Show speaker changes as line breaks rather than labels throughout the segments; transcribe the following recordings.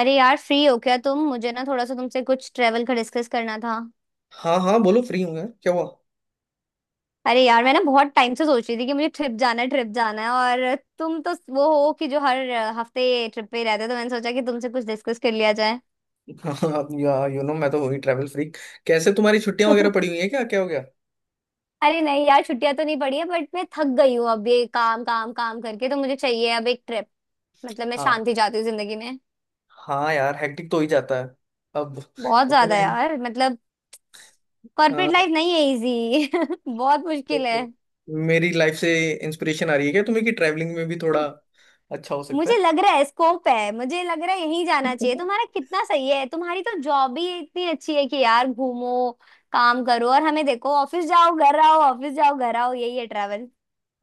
अरे यार फ्री हो क्या तुम। मुझे ना थोड़ा सा तुमसे कुछ ट्रेवल का डिस्कस करना था।
हाँ हाँ, बोलो। फ्री हूँ यार, क्या हुआ?
अरे यार मैं ना बहुत टाइम से सोच रही थी कि मुझे ट्रिप जाना है, ट्रिप जाना है, और तुम तो वो हो कि जो हर हफ्ते ट्रिप पे ही रहते हो, तो मैंने सोचा कि तुमसे कुछ डिस्कस कर लिया जाए।
हाँ हाँ यार, यू नो मैं तो हुई ट्रैवल फ्रीक। कैसे, तुम्हारी छुट्टियां वगैरह पड़ी हुई है क्या? क्या हो गया?
अरे नहीं यार, छुट्टियां तो नहीं पड़ी है, बट मैं थक गई हूँ अब ये काम काम काम करके। तो मुझे चाहिए अब एक ट्रिप। मतलब मैं
हाँ
शांति चाहती हूँ जिंदगी में।
हाँ यार, हेक्टिक तो हो ही जाता है। अब
बहुत
अब तो
ज्यादा
मैं।
यार मतलब।
हाँ,
कॉर्पोरेट
अब
लाइफ नहीं है इजी बहुत
तो
मुश्किल है।
तो मेरी लाइफ से इंस्पिरेशन आ रही है क्या तुम्हें कि ट्रैवलिंग में भी थोड़ा अच्छा हो सकता
मुझे
है?
लग रहा है स्कोप है, मुझे लग रहा है यहीं जाना चाहिए। तुम्हारा कितना सही है, तुम्हारी तो जॉब ही इतनी अच्छी है कि यार घूमो। काम करो और हमें देखो, ऑफिस जाओ घर आओ, ऑफिस जाओ घर आओ, यही है ट्रैवल।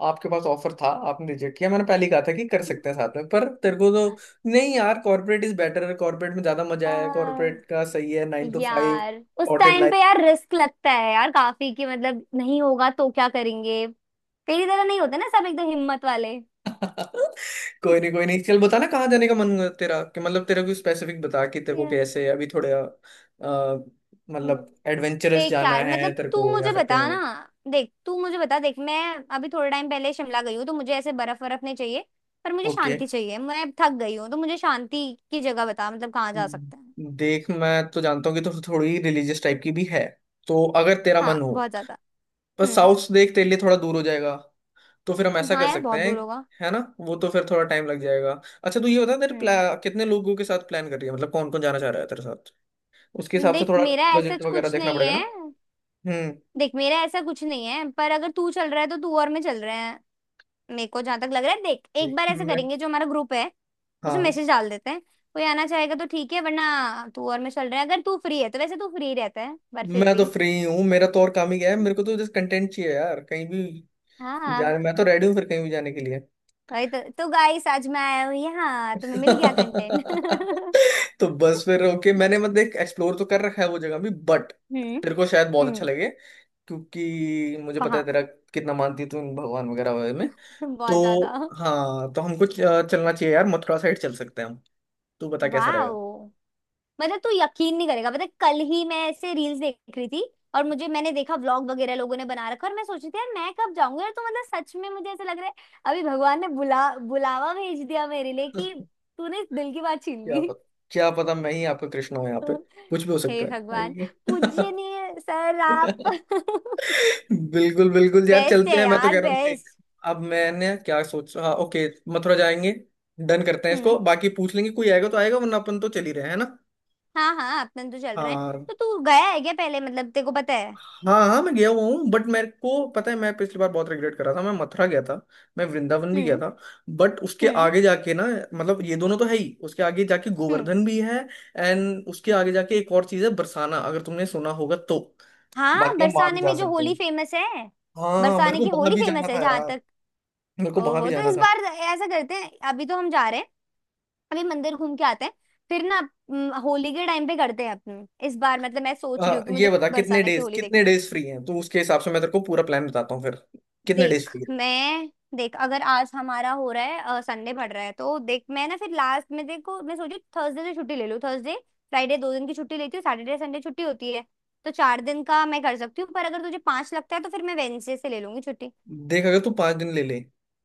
आपके पास ऑफर था, आपने रिजेक्ट किया। मैंने पहले ही कहा था कि कर सकते हैं साथ में, पर तेरे को तो। नहीं यार, कॉर्पोरेट इज बेटर है। कॉर्पोरेट में ज्यादा मजा है,
आ,
कॉर्पोरेट का सही है, 9 टू 5।
यार उस टाइम पे यार रिस्क लगता है यार काफी, कि मतलब नहीं होगा तो क्या करेंगे। तेरी तरह नहीं होते ना सब एकदम हिम्मत वाले
कोई नहीं कोई नहीं, चल बताना कहाँ जाने का मन है तेरा, कि मतलब तेरा कोई स्पेसिफिक बता कि तेरे को
Yeah.
कैसे अभी थोड़ा
हम्म।
मतलब एडवेंचरस
देख
जाना
यार
है
मतलब
तेरे
तू
को या
मुझे
फिर
बता
कहीं
ना।
और?
देख तू मुझे बता। देख मैं अभी थोड़े टाइम पहले शिमला गई हूँ, तो मुझे ऐसे बर्फ बर्फ नहीं चाहिए। पर मुझे
ओके।
शांति चाहिए, मैं थक गई हूँ, तो मुझे शांति की जगह बता, मतलब कहाँ जा सकते हैं।
देख मैं तो जानता हूँ कि तो थोड़ी रिलीजियस टाइप की भी है, तो अगर तेरा मन
हाँ
हो।
बहुत ज्यादा।
पर
हम्म।
साउथ देख तेरे लिए थोड़ा दूर हो जाएगा। तो फिर हम ऐसा
हाँ
कर
यार
सकते
बहुत
हैं,
दूर होगा।
है ना। वो तो फिर थोड़ा टाइम लग जाएगा। अच्छा तू ये बता,
हम्म।
कितने लोगों के साथ प्लान कर रही है? मतलब कौन कौन जाना चाह रहा है तेरे साथ? उसके हिसाब से
देख
थोड़ा
मेरा ऐसा
बजट वगैरह
कुछ
देखना
नहीं
पड़ेगा
है।
ना। हम्म
देख मेरा ऐसा कुछ नहीं है, पर अगर तू चल रहा है तो तू और मैं चल रहे हैं। मेरे को जहां तक लग रहा है, देख एक बार ऐसे
मैं।
करेंगे, जो हमारा ग्रुप है उसमें
हाँ।
मैसेज डाल देते हैं। कोई आना चाहेगा तो ठीक है वरना तू और मैं चल रहे हैं, अगर तू फ्री है तो। वैसे तू फ्री रहता है, पर फिर
मैं तो
भी।
फ्री हूँ, मेरा तो और काम ही गया है। मेरे को तो जस्ट कंटेंट चाहिए यार, कहीं भी
हाँ।
जाने। मैं तो रेडी हूँ फिर कहीं भी जाने के लिए।
भाई तो गाइस आज मैं आया हूँ यहाँ, तुम्हें मिल गया कंटेंट
तो बस फिर ओके। मैंने मतलब एक एक्सप्लोर तो कर रखा है वो जगह भी, बट
हम्म।
तेरे को शायद बहुत अच्छा
हम्म।
लगे क्योंकि मुझे पता है
कहाँ।
तेरा, कितना मानती है तू इन भगवान वगैरह वगैरह में।
बहुत ज्यादा।
तो हाँ तो हमको चलना चाहिए यार, मथुरा साइड चल सकते हैं हम। तू बता कैसा
वाह।
रहेगा।
मतलब तू यकीन नहीं करेगा, मतलब कल ही मैं ऐसे रील्स देख रही थी और मुझे, मैंने देखा व्लॉग वगैरह लोगों ने बना रखा, और मैं सोच रही थी यार मैं कब जाऊंगी यार। तो मतलब सच में मुझे ऐसा लग रहा है अभी भगवान ने बुलावा भेज दिया मेरे लिए, कि तूने इस दिल की बात छीन
क्या
ली।
पता, क्या पता मैं ही आपका कृष्ण हूँ यहाँ पे। कुछ भी हो
हे
सकता है।
भगवान। पूजनीय सर आप
बिल्कुल बिल्कुल यार,
बेस्ट
चलते
है
हैं। मैं तो
यार,
कह रहा हूँ देख,
बेस्ट।
अब मैंने क्या सोच। हाँ ओके, मथुरा जाएंगे। डन करते हैं
हम्म।
इसको, बाकी पूछ लेंगे। कोई आएगा तो आएगा वरना अपन तो चल ही रहे हैं, है ना।
हाँ हाँ अपन तो चल रहे हैं।
हाँ
तो तू गया है क्या पहले, मतलब तेरे को पता है।
हाँ, हाँ मैं गया हुआ हूँ। बट मेरे को पता है, मैं पिछली बार बहुत रिग्रेट कर रहा था। मैं मथुरा गया था, मैं वृंदावन भी गया
हम्म।
था। बट उसके
हम्म।
आगे जाके ना, मतलब ये दोनों तो है ही, उसके आगे जाके
हम्म।
गोवर्धन भी है। एंड उसके आगे जाके एक और चीज है बरसाना, अगर तुमने सुना होगा तो।
हाँ
बाकी हम वहां भी
बरसाने
जा
में जो
सकते
होली
हैं।
फेमस है।
हाँ मेरे
बरसाने
को
की
वहां
होली
भी जाना
फेमस है
था
जहां
यार।
तक।
मेरे को वहां भी
ओहो। तो
जाना
इस
था।
बार ऐसा करते हैं, अभी तो हम जा रहे हैं, अभी मंदिर घूम के आते हैं, फिर ना होली के टाइम पे करते हैं अपने। इस बार मतलब मैं सोच रही हूँ कि
ये
मुझे
बता कितने
बरसाने की
डेज,
होली
कितने
देखनी।
डेज फ्री हैं, तो उसके हिसाब से मैं तेरे को पूरा प्लान बताता हूँ फिर। कितने डेज
देख
फ्री है?
मैं। देख अगर आज हमारा हो रहा है, संडे पड़ रहा है, तो देख मैं ना फिर लास्ट में देखो मैं सोची थर्सडे से छुट्टी ले लूँ। थर्सडे फ्राइडे 2 दिन की छुट्टी लेती हूँ, सैटरडे संडे छुट्टी होती है, तो 4 दिन का मैं कर सकती हूँ। पर अगर तुझे पांच लगता है तो फिर मैं वेडनेसडे से ले लूंगी छुट्टी।
देख अगर तू 5 दिन ले ले,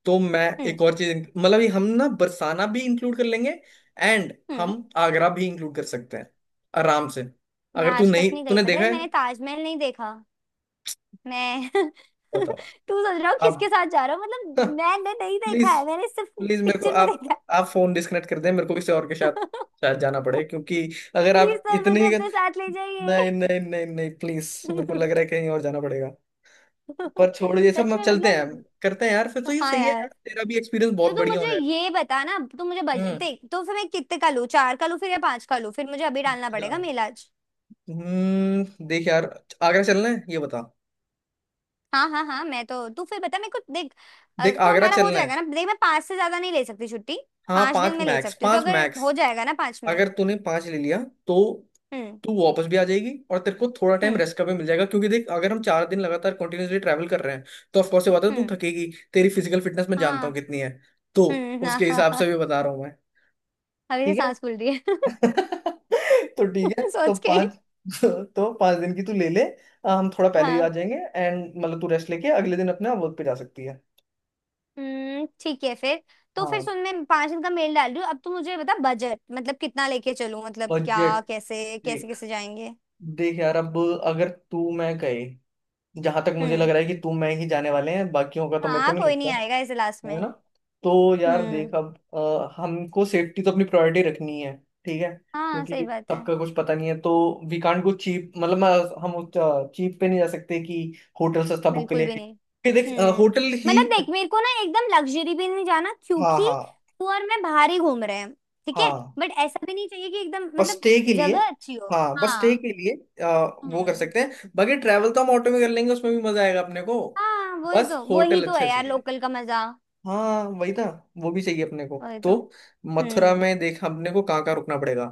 तो मैं
हम्म।
एक और चीज मतलब ये, हम ना बरसाना भी इंक्लूड कर लेंगे एंड
हम्म।
हम आगरा भी इंक्लूड कर सकते हैं आराम से।
मैं
अगर तू
आज तक
नहीं,
नहीं गई,
तूने
पता
देखा
है
है?
मैंने ताजमहल नहीं देखा मैं
बताओ।
तू सोच रहा हो
अब
किसके साथ जा रहा हूँ, मतलब मैंने नहीं देखा
प्लीज,
है, मैंने सिर्फ
प्लीज मेरे को
पिक्चर में
आप
देखा है।
आप फोन डिस्कनेक्ट कर दें। मेरे को किसी और के साथ शायद जाना पड़े क्योंकि अगर
प्लीज
आप
सर
इतने
मुझे
ही।
अपने साथ ले जाइए।
नहीं नहीं नहीं नहीं, नहीं प्लीज, मेरे को लग रहा है कहीं और जाना पड़ेगा। पर छोड़ ये सब,
सच
हम
में
चलते हैं।
मतलब।
करते हैं यार फिर, तो ये
हाँ
सही है यार,
यार।
तेरा भी एक्सपीरियंस
तो
बहुत
तुम
बढ़िया हो
मुझे
जाए।
ये बता ना, तुम मुझे बजट
हम्म
देख, तो फिर मैं कितने का लूँ, चार का लूँ फिर या पांच का लूँ, फिर मुझे अभी डालना पड़ेगा
जा-
मेला।
देख यार, आगरा चलना है ये बता।
हाँ हाँ हाँ मैं तो, तू फिर बता मेरे को देख।
देख
तो
आगरा
हमारा हो
चलना है।
जाएगा ना। देख मैं पाँच से ज्यादा नहीं ले सकती छुट्टी।
हाँ
5 दिन
पांच
में ले
मैक्स,
सकती हूँ, तो
पांच
अगर
मैक्स।
हो जाएगा ना पाँच
अगर
में।
तूने पांच ले लिया तो
हम्म।
तू वापस भी आ जाएगी और तेरे को थोड़ा टाइम
हम्म।
रेस्ट का भी मिल जाएगा। क्योंकि देख अगर हम 4 दिन लगातार कंटिन्यूसली ट्रैवल कर रहे हैं तो ऑफकोर्स ये बात है, तू
हम्म।
थकेगी। तेरी फिजिकल फिटनेस मैं जानता
हाँ।
हूँ कितनी है, तो
हम्म। हाँ
उसके
हाँ
हिसाब से
हाँ।
भी बता रहा हूँ मैं।
अभी से
ठीक है।
सांस फूल रही है
तो ठीक है, तो
सोच के ही।
पाँच। तो 5 दिन की तू ले ले। हम थोड़ा पहले ही आ
हाँ।
जाएंगे एंड मतलब तू रेस्ट लेके अगले दिन अपने वर्क पे जा सकती है।
ठीक है फिर। तो फिर
हाँ।
सुन मैं 5 दिन का मेल डाल रही हूँ, अब तू मुझे बता बजट, मतलब कितना लेके चलूँ, मतलब क्या,
बजट
कैसे कैसे
देख,
कैसे जाएंगे।
देख यार अब, अगर तू मैं गए, जहां तक मुझे लग
हम्म।
रहा है कि तू मैं ही जाने वाले हैं, बाकियों का तो मेरे को
हाँ
नहीं,
कोई नहीं आएगा ऐसे लास्ट
है
में।
ना। तो यार
हम्म।
देख अब हमको सेफ्टी तो अपनी प्रायोरिटी रखनी है। ठीक है,
हाँ सही
क्योंकि
बात है।
सबका कुछ पता नहीं है तो वी कांट गो चीप। मतलब हम चीप पे नहीं जा सकते कि होटल सस्ता बुक के
बिल्कुल
लिए।
भी नहीं।
फिर देख
हम्म।
होटल ही,
मतलब देख मेरे को ना एकदम लग्जरी भी नहीं जाना,
हाँ
क्योंकि
हाँ,
तू और मैं बाहर ही घूम रहे हैं। ठीक है।
हाँ
बट ऐसा भी नहीं चाहिए कि एकदम
बस
मतलब,
स्टे के लिए।
जगह अच्छी हो।
हाँ बस स्टे
हाँ।
के लिए। अ, वो कर
हम्म।
सकते हैं बाकी, ट्रैवल तो हम ऑटो में कर लेंगे, उसमें भी मजा आएगा अपने को।
हाँ वही
बस
तो, वही
होटल
तो है
अच्छा
यार
चाहिए।
लोकल का मजा।
हाँ वही ना। वो भी चाहिए अपने को
वही
तो।
तो।
मथुरा
हम्म।
में देख अपने को कहाँ कहाँ रुकना पड़ेगा।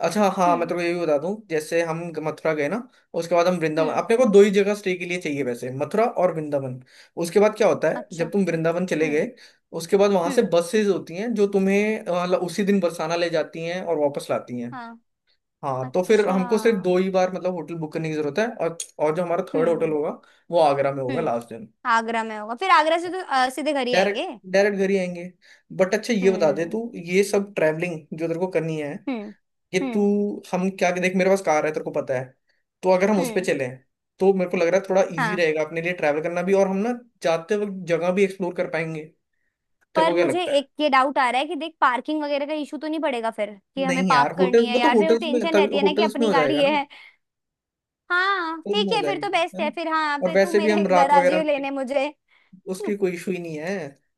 अच्छा, हाँ मैं
हम्म।
तेरे को ये भी बता दूं, जैसे हम मथुरा गए ना, उसके बाद हम वृंदावन,
हम्म।
अपने को दो ही जगह स्टे के लिए चाहिए वैसे, मथुरा और वृंदावन। उसके बाद क्या होता है
अच्छा।
जब तुम वृंदावन चले
हम्म।
गए, उसके बाद वहां से
हम्म।
बसेज होती हैं जो तुम्हें मतलब उसी दिन बरसाना ले जाती हैं और वापस लाती हैं।
हाँ।
हाँ तो फिर
अच्छा।
हमको सिर्फ दो ही बार मतलब होटल बुक करने की जरूरत है। और जो हमारा थर्ड होटल
हम्म।
होगा वो आगरा में होगा,
हम्म।
लास्ट दिन।
आगरा में होगा, फिर आगरा से तो सीधे घर ही
डायरेक्ट,
आएंगे।
डायरेक्ट घर ही आएंगे। बट अच्छा ये बता दे, तू
हम्म।
ये सब ट्रैवलिंग जो तेरे को करनी है
हम्म।
ये तू,
हम्म।
हम क्या, देख मेरे पास कार है तेरे को पता है। तो अगर हम उस पे
हम्म।
चले तो मेरे को लग रहा है थोड़ा इजी
हाँ।
रहेगा अपने लिए ट्रैवल करना भी, और हम ना जाते वक्त जगह भी एक्सप्लोर कर पाएंगे। तेरे
पर
को क्या
मुझे
लगता है?
एक ये डाउट आ रहा है कि देख पार्किंग वगैरह का इशू तो नहीं पड़ेगा फिर, कि हमें
नहीं यार
पार्क करनी
होटल,
है
वो तो
यार, फिर वो टेंशन रहती है ना कि
होटल्स में
अपनी
हो
गाड़ी
जाएगा
ये
ना।
है। हाँ
होटल्स
ठीक
में हो
है फिर तो
जाएगा,
बेस्ट
है
है
ना।
फिर, हाँ
और
फिर तू
वैसे भी हम
मेरे घर
रात
आ
वगैरह
जियो
में,
लेने मुझे।
उसकी कोई इशू ही नहीं है,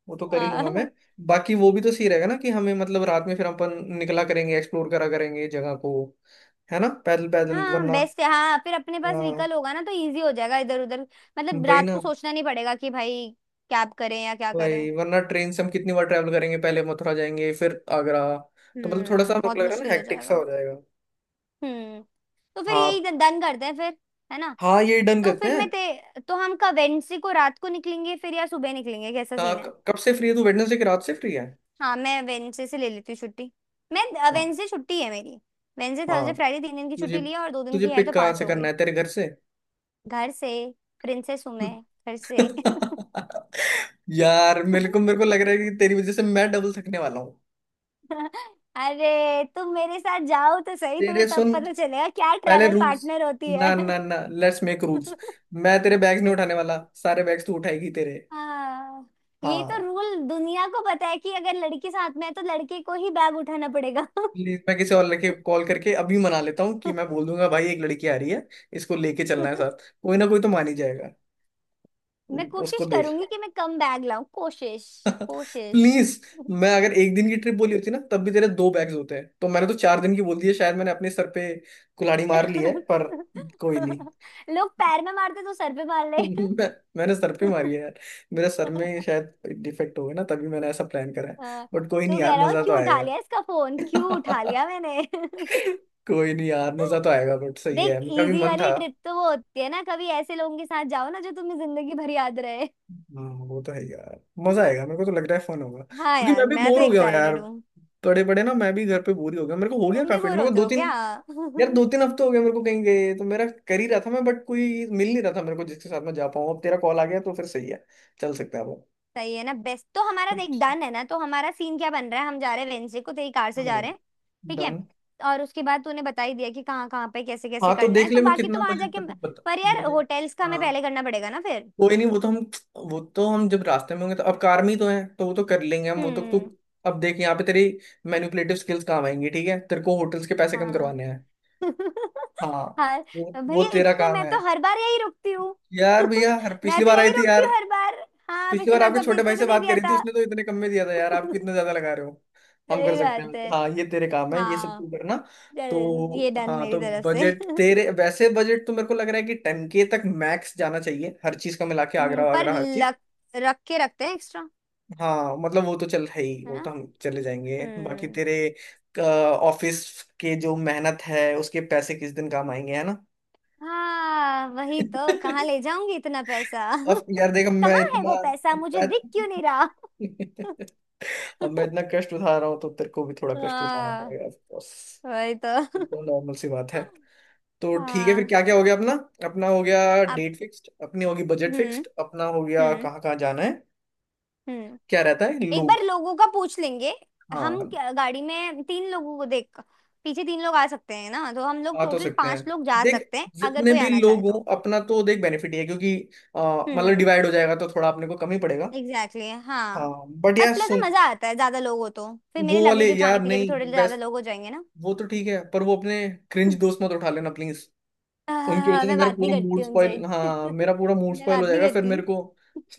वो तो कर ही लूंगा
हाँ।
मैं। बाकी वो भी तो सही रहेगा ना, कि हमें मतलब रात में फिर अपन निकला करेंगे, एक्सप्लोर करा करेंगे जगह को। है ना, पैदल पैदल
हाँ
वरना।
बेस्ट है, हाँ फिर अपने पास
हाँ,
व्हीकल होगा ना तो इजी हो जाएगा इधर उधर, मतलब
वही
रात
ना।
को सोचना नहीं पड़ेगा कि भाई कैब करें या क्या करें।
भाई वरना ट्रेन से हम कितनी बार ट्रैवल करेंगे, पहले मथुरा जाएंगे फिर आगरा। तो मतलब थोड़ा सा
हम्म।
मेरे को
बहुत
लग रहा है ना
मुश्किल हो
हेक्टिक सा
जाएगा।
हो जाएगा।
हम्म। तो फिर
हाँ।
यही डन करते हैं फिर, है ना।
हाँ ये डन
तो
करते
फिर
हैं।
मैं ते तो हम कब वेंसी को रात को निकलेंगे फिर या सुबह निकलेंगे, कैसा सीन है।
कब से फ्री है तू? वेडनेसडे की रात से फ्री है?
हाँ मैं वेंसडे से ले लेती हूँ छुट्टी। मैं,
हाँ।
वेंसडे छुट्टी है मेरी, वेंसडे
हाँ,
थर्सडे फ्राइडे 3 दिन की
तुझे,
छुट्टी ली है, और 2 दिन
तुझे
की है,
पिक
तो
कहाँ
पांच
से
हो
करना
गई।
है, तेरे घर से?
घर से। प्रिंसेस हूं मैं। घर से।
यार मेरे को, मेरे को लग रहा है कि तेरी वजह से मैं डबल थकने वाला हूँ।
अरे तुम मेरे साथ जाओ तो सही, तुम्हें
तेरे
तब
सुन,
पता चलेगा क्या
पहले
ट्रैवल
रूल्स,
पार्टनर होती है।
ना ना ना, लेट्स मेक रूल्स। मैं तेरे बैग्स नहीं उठाने वाला, सारे बैग्स तू उठाएगी तेरे।
हाँ ये तो
हाँ।
रूल दुनिया को पता है, कि अगर लड़की साथ में है तो लड़के को ही बैग उठाना पड़ेगा
प्लीज मैं किसी और लड़के को कॉल करके अभी मना लेता हूँ, कि मैं बोल दूंगा भाई एक लड़की आ रही है इसको लेके चलना है साथ, कोई ना कोई तो मान ही जाएगा।
मैं
उसको
कोशिश
देख
करूंगी
ले।
कि मैं कम बैग लाऊं, कोशिश, कोशिश।
प्लीज, मैं अगर 1 दिन की ट्रिप बोली होती ना तब भी तेरे 2 बैग्स होते हैं, तो मैंने तो 4 दिन की बोल दी है, शायद मैंने अपने सर पे कुल्हाड़ी मार ली है पर। कोई नहीं।
लोग पैर में मारते तो सर पे मार ले
मैं, मैंने सर पे मारी है यार। मेरे सर में शायद डिफेक्ट हो गया ना, तभी मैंने ऐसा प्लान करा है।
हाँ,
बट कोई नहीं
तू कह
यार,
रहा हो
मजा तो
क्यों उठा लिया इसका फोन, क्यों उठा
आएगा।
लिया मैंने
कोई नहीं यार, मजा तो आएगा। बट सही
देख
है, मेरा भी
इजी
मन
वाली
था।
ट्रिप तो वो होती है ना, कभी ऐसे लोगों के साथ जाओ ना जो तुम्हें जिंदगी भर याद रहे।
हाँ वो तो है यार, मजा आएगा। मेरे को तो लग रहा है फन होगा
हाँ
क्योंकि
यार
मैं भी
मैं तो
बोर हो गया हूँ यार।
एक्साइटेड हूँ।
बड़े बड़े ना मैं भी घर पे बोर ही हो गया, मेरे को हो गया
तुम भी
काफी।
बोर
मेरे को
होते
दो
हो क्या
तीन, यार दो तीन हफ्ते हो गए मेरे को कहीं गए, तो मेरा कर ही रहा था मैं, बट कोई मिल नहीं रहा था मेरे को जिसके साथ मैं जा पाऊँ। अब तेरा कॉल आ गया तो फिर सही है, चल सकते हैं अब।
सही है ना, बेस्ट तो हमारा। देख डन है ना, तो हमारा सीन क्या बन रहा है, हम जा रहे हैं वेंसडे को तेरी कार से जा रहे हैं। ठीक है।
डन।
और उसके बाद तूने बता ही दिया कि कहाँ कहाँ पे कैसे कैसे
हाँ तो
करना है,
देख
तो
ले मैं
बाकी तो
कितना
वहां
बजट
जाके।
तेरे को बता।
पर यार
बजट,
होटल्स का हमें
हाँ
पहले करना पड़ेगा ना फिर।
कोई नहीं वो तो हम, वो तो हम जब रास्ते में होंगे तो अब कार में ही तो है, तो वो तो कर लेंगे हम वो तो तू।
हम्म।
अब देख यहाँ पे तेरी मैनिपुलेटिव स्किल्स काम आएंगी, ठीक है। तेरे को होटल्स के पैसे कम
हाँ।
करवाने हैं। हाँ
हर
वो
भैया
तेरा
इतने
काम
मैं
है।
तो हर बार यही रुकती हूँ।
यार भैया हर,
मैं
पिछली
तो
बार आई
यही
थी
रुकती
यार।
हूँ हर बार। हाँ
पिछली
पिछली
बार
बार तो
आपके
आपने
छोटे भाई
इतने
से
में दे
बात
दिया
करी थी,
था।
उसने तो इतने कम में दिया था यार, आप कितना ज्यादा लगा रहे हो। हम कर
सही
सकते हैं।
बात है।
हाँ, ये तेरे काम है, ये सब
हाँ
तू करना।
चल, ये
तो
डन
हाँ
मेरी
तो
तरफ से
बजट तेरे, वैसे बजट तो मेरे को लग रहा है कि 10K तक मैक्स जाना चाहिए, हर चीज का मिला के,
हम्म,
आगरा
पर
वागरा हर चीज।
लक, रख के रखते हैं एक्स्ट्रा।
हाँ मतलब वो तो चल है ही,
है
वो
ना।
तो हम चले जाएंगे। बाकी
हम्म।
तेरे ऑफिस के जो मेहनत है, उसके पैसे किस दिन काम आएंगे, है ना।
हाँ वही तो, कहाँ ले जाऊंगी इतना पैसा
अब यार देखो मैं
कहाँ है
इतना,
वो पैसा मुझे
मैं।
दिख क्यों नहीं रहा
अब मैं इतना कष्ट उठा रहा हूँ तो तेरे को भी थोड़ा कष्ट उठाना
हाँ
पड़ेगा ऑफ कोर्स।
वही
ये तो
तो
नॉर्मल सी बात है। तो ठीक है फिर,
हाँ।
क्या क्या हो गया अपना। अपना हो गया
आप।
डेट फिक्स्ड, अपनी होगी बजट
हम्म।
फिक्स्ड, अपना हो गया
हम्म।
कहाँ कहाँ जाना है,
हम्म।
क्या रहता है
एक बार
लोग।
लोगों का पूछ लेंगे।
हाँ।
गाड़ी में तीन लोगों को देख, पीछे तीन लोग आ सकते हैं ना, तो हम लोग
आ तो
टोटल
सकते हैं।
पांच लोग जा
देख
सकते हैं अगर
जितने
कोई
भी
आना
लोग
चाहे
हों
तो।
अपना तो देख बेनिफिट ही है क्योंकि मतलब
हम्म।
डिवाइड हो जाएगा तो थोड़ा अपने को कम ही पड़ेगा।
एग्जैक्टली exactly, हाँ।
हाँ। बट
और
यार
प्लस
सुन,
ना मजा आता है ज्यादा लोग हो तो, फिर मेरे
वो वाले
लगेज उठाने
यार
के लिए भी
नहीं,
थोड़े ज्यादा
बेस्ट।
लोग हो जाएंगे ना।
वो तो ठीक है, पर वो अपने क्रिंज दोस्त मत उठा लेना प्लीज। उनकी
आह,
वजह से
मैं
मेरा
बात नहीं
पूरा मूड
करती उनसे।
स्पॉइल, हाँ मेरा पूरा मूड
मैं
स्पॉइल
बात
हो
नहीं
जाएगा फिर
करती।
मेरे को।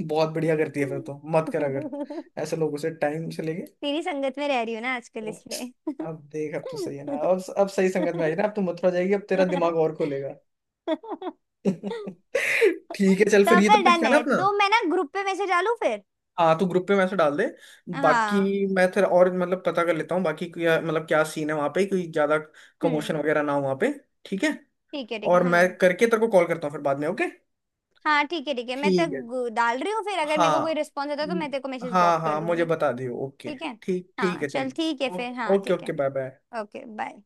बहुत बढ़िया, करती है फिर तो मत करा कर, अगर ऐसे लोगों से टाइम से लेके।
तेरी संगत में रह रही हूँ ना आजकल
तो
इसलिए
अब देख, अब तो सही है ना, अब सही संगत में आई ना, अब तो मथुरा जाएगी, अब तेरा दिमाग और खुलेगा। ठीक है, चल फिर
तो
ये तो
फिर
फिक्स
डन
है ना
है,
अपना।
तो मैं ना ग्रुप पे मैसेज डालू फिर।
हाँ तो ग्रुप पे मैसेज डाल दे। बाकी
हाँ।
मैं फिर और मतलब पता कर लेता हूँ, बाकी क्या मतलब क्या सीन है वहाँ पे, कोई ज्यादा कमोशन
हम्म।
वगैरह ना हो वहाँ पे। ठीक है।
ठीक है
और मैं
हम।
करके तेरे को कॉल करता हूँ फिर बाद में, ओके।
हाँ ठीक है मैं
ठीक है।
डाल रही हूँ फिर, अगर मेरे को कोई
हाँ
रिस्पॉन्स आता है तो मैं तेरे को मैसेज ड्रॉप
हाँ
कर
हाँ मुझे
दूंगी।
बता दियो, ओके।
ठीक है।
ठीक, ठीक
हाँ
है
चल ठीक है
चलो।
फिर। हाँ
ओके
ठीक
ओके,
है।
Bye bye.
Okay bye.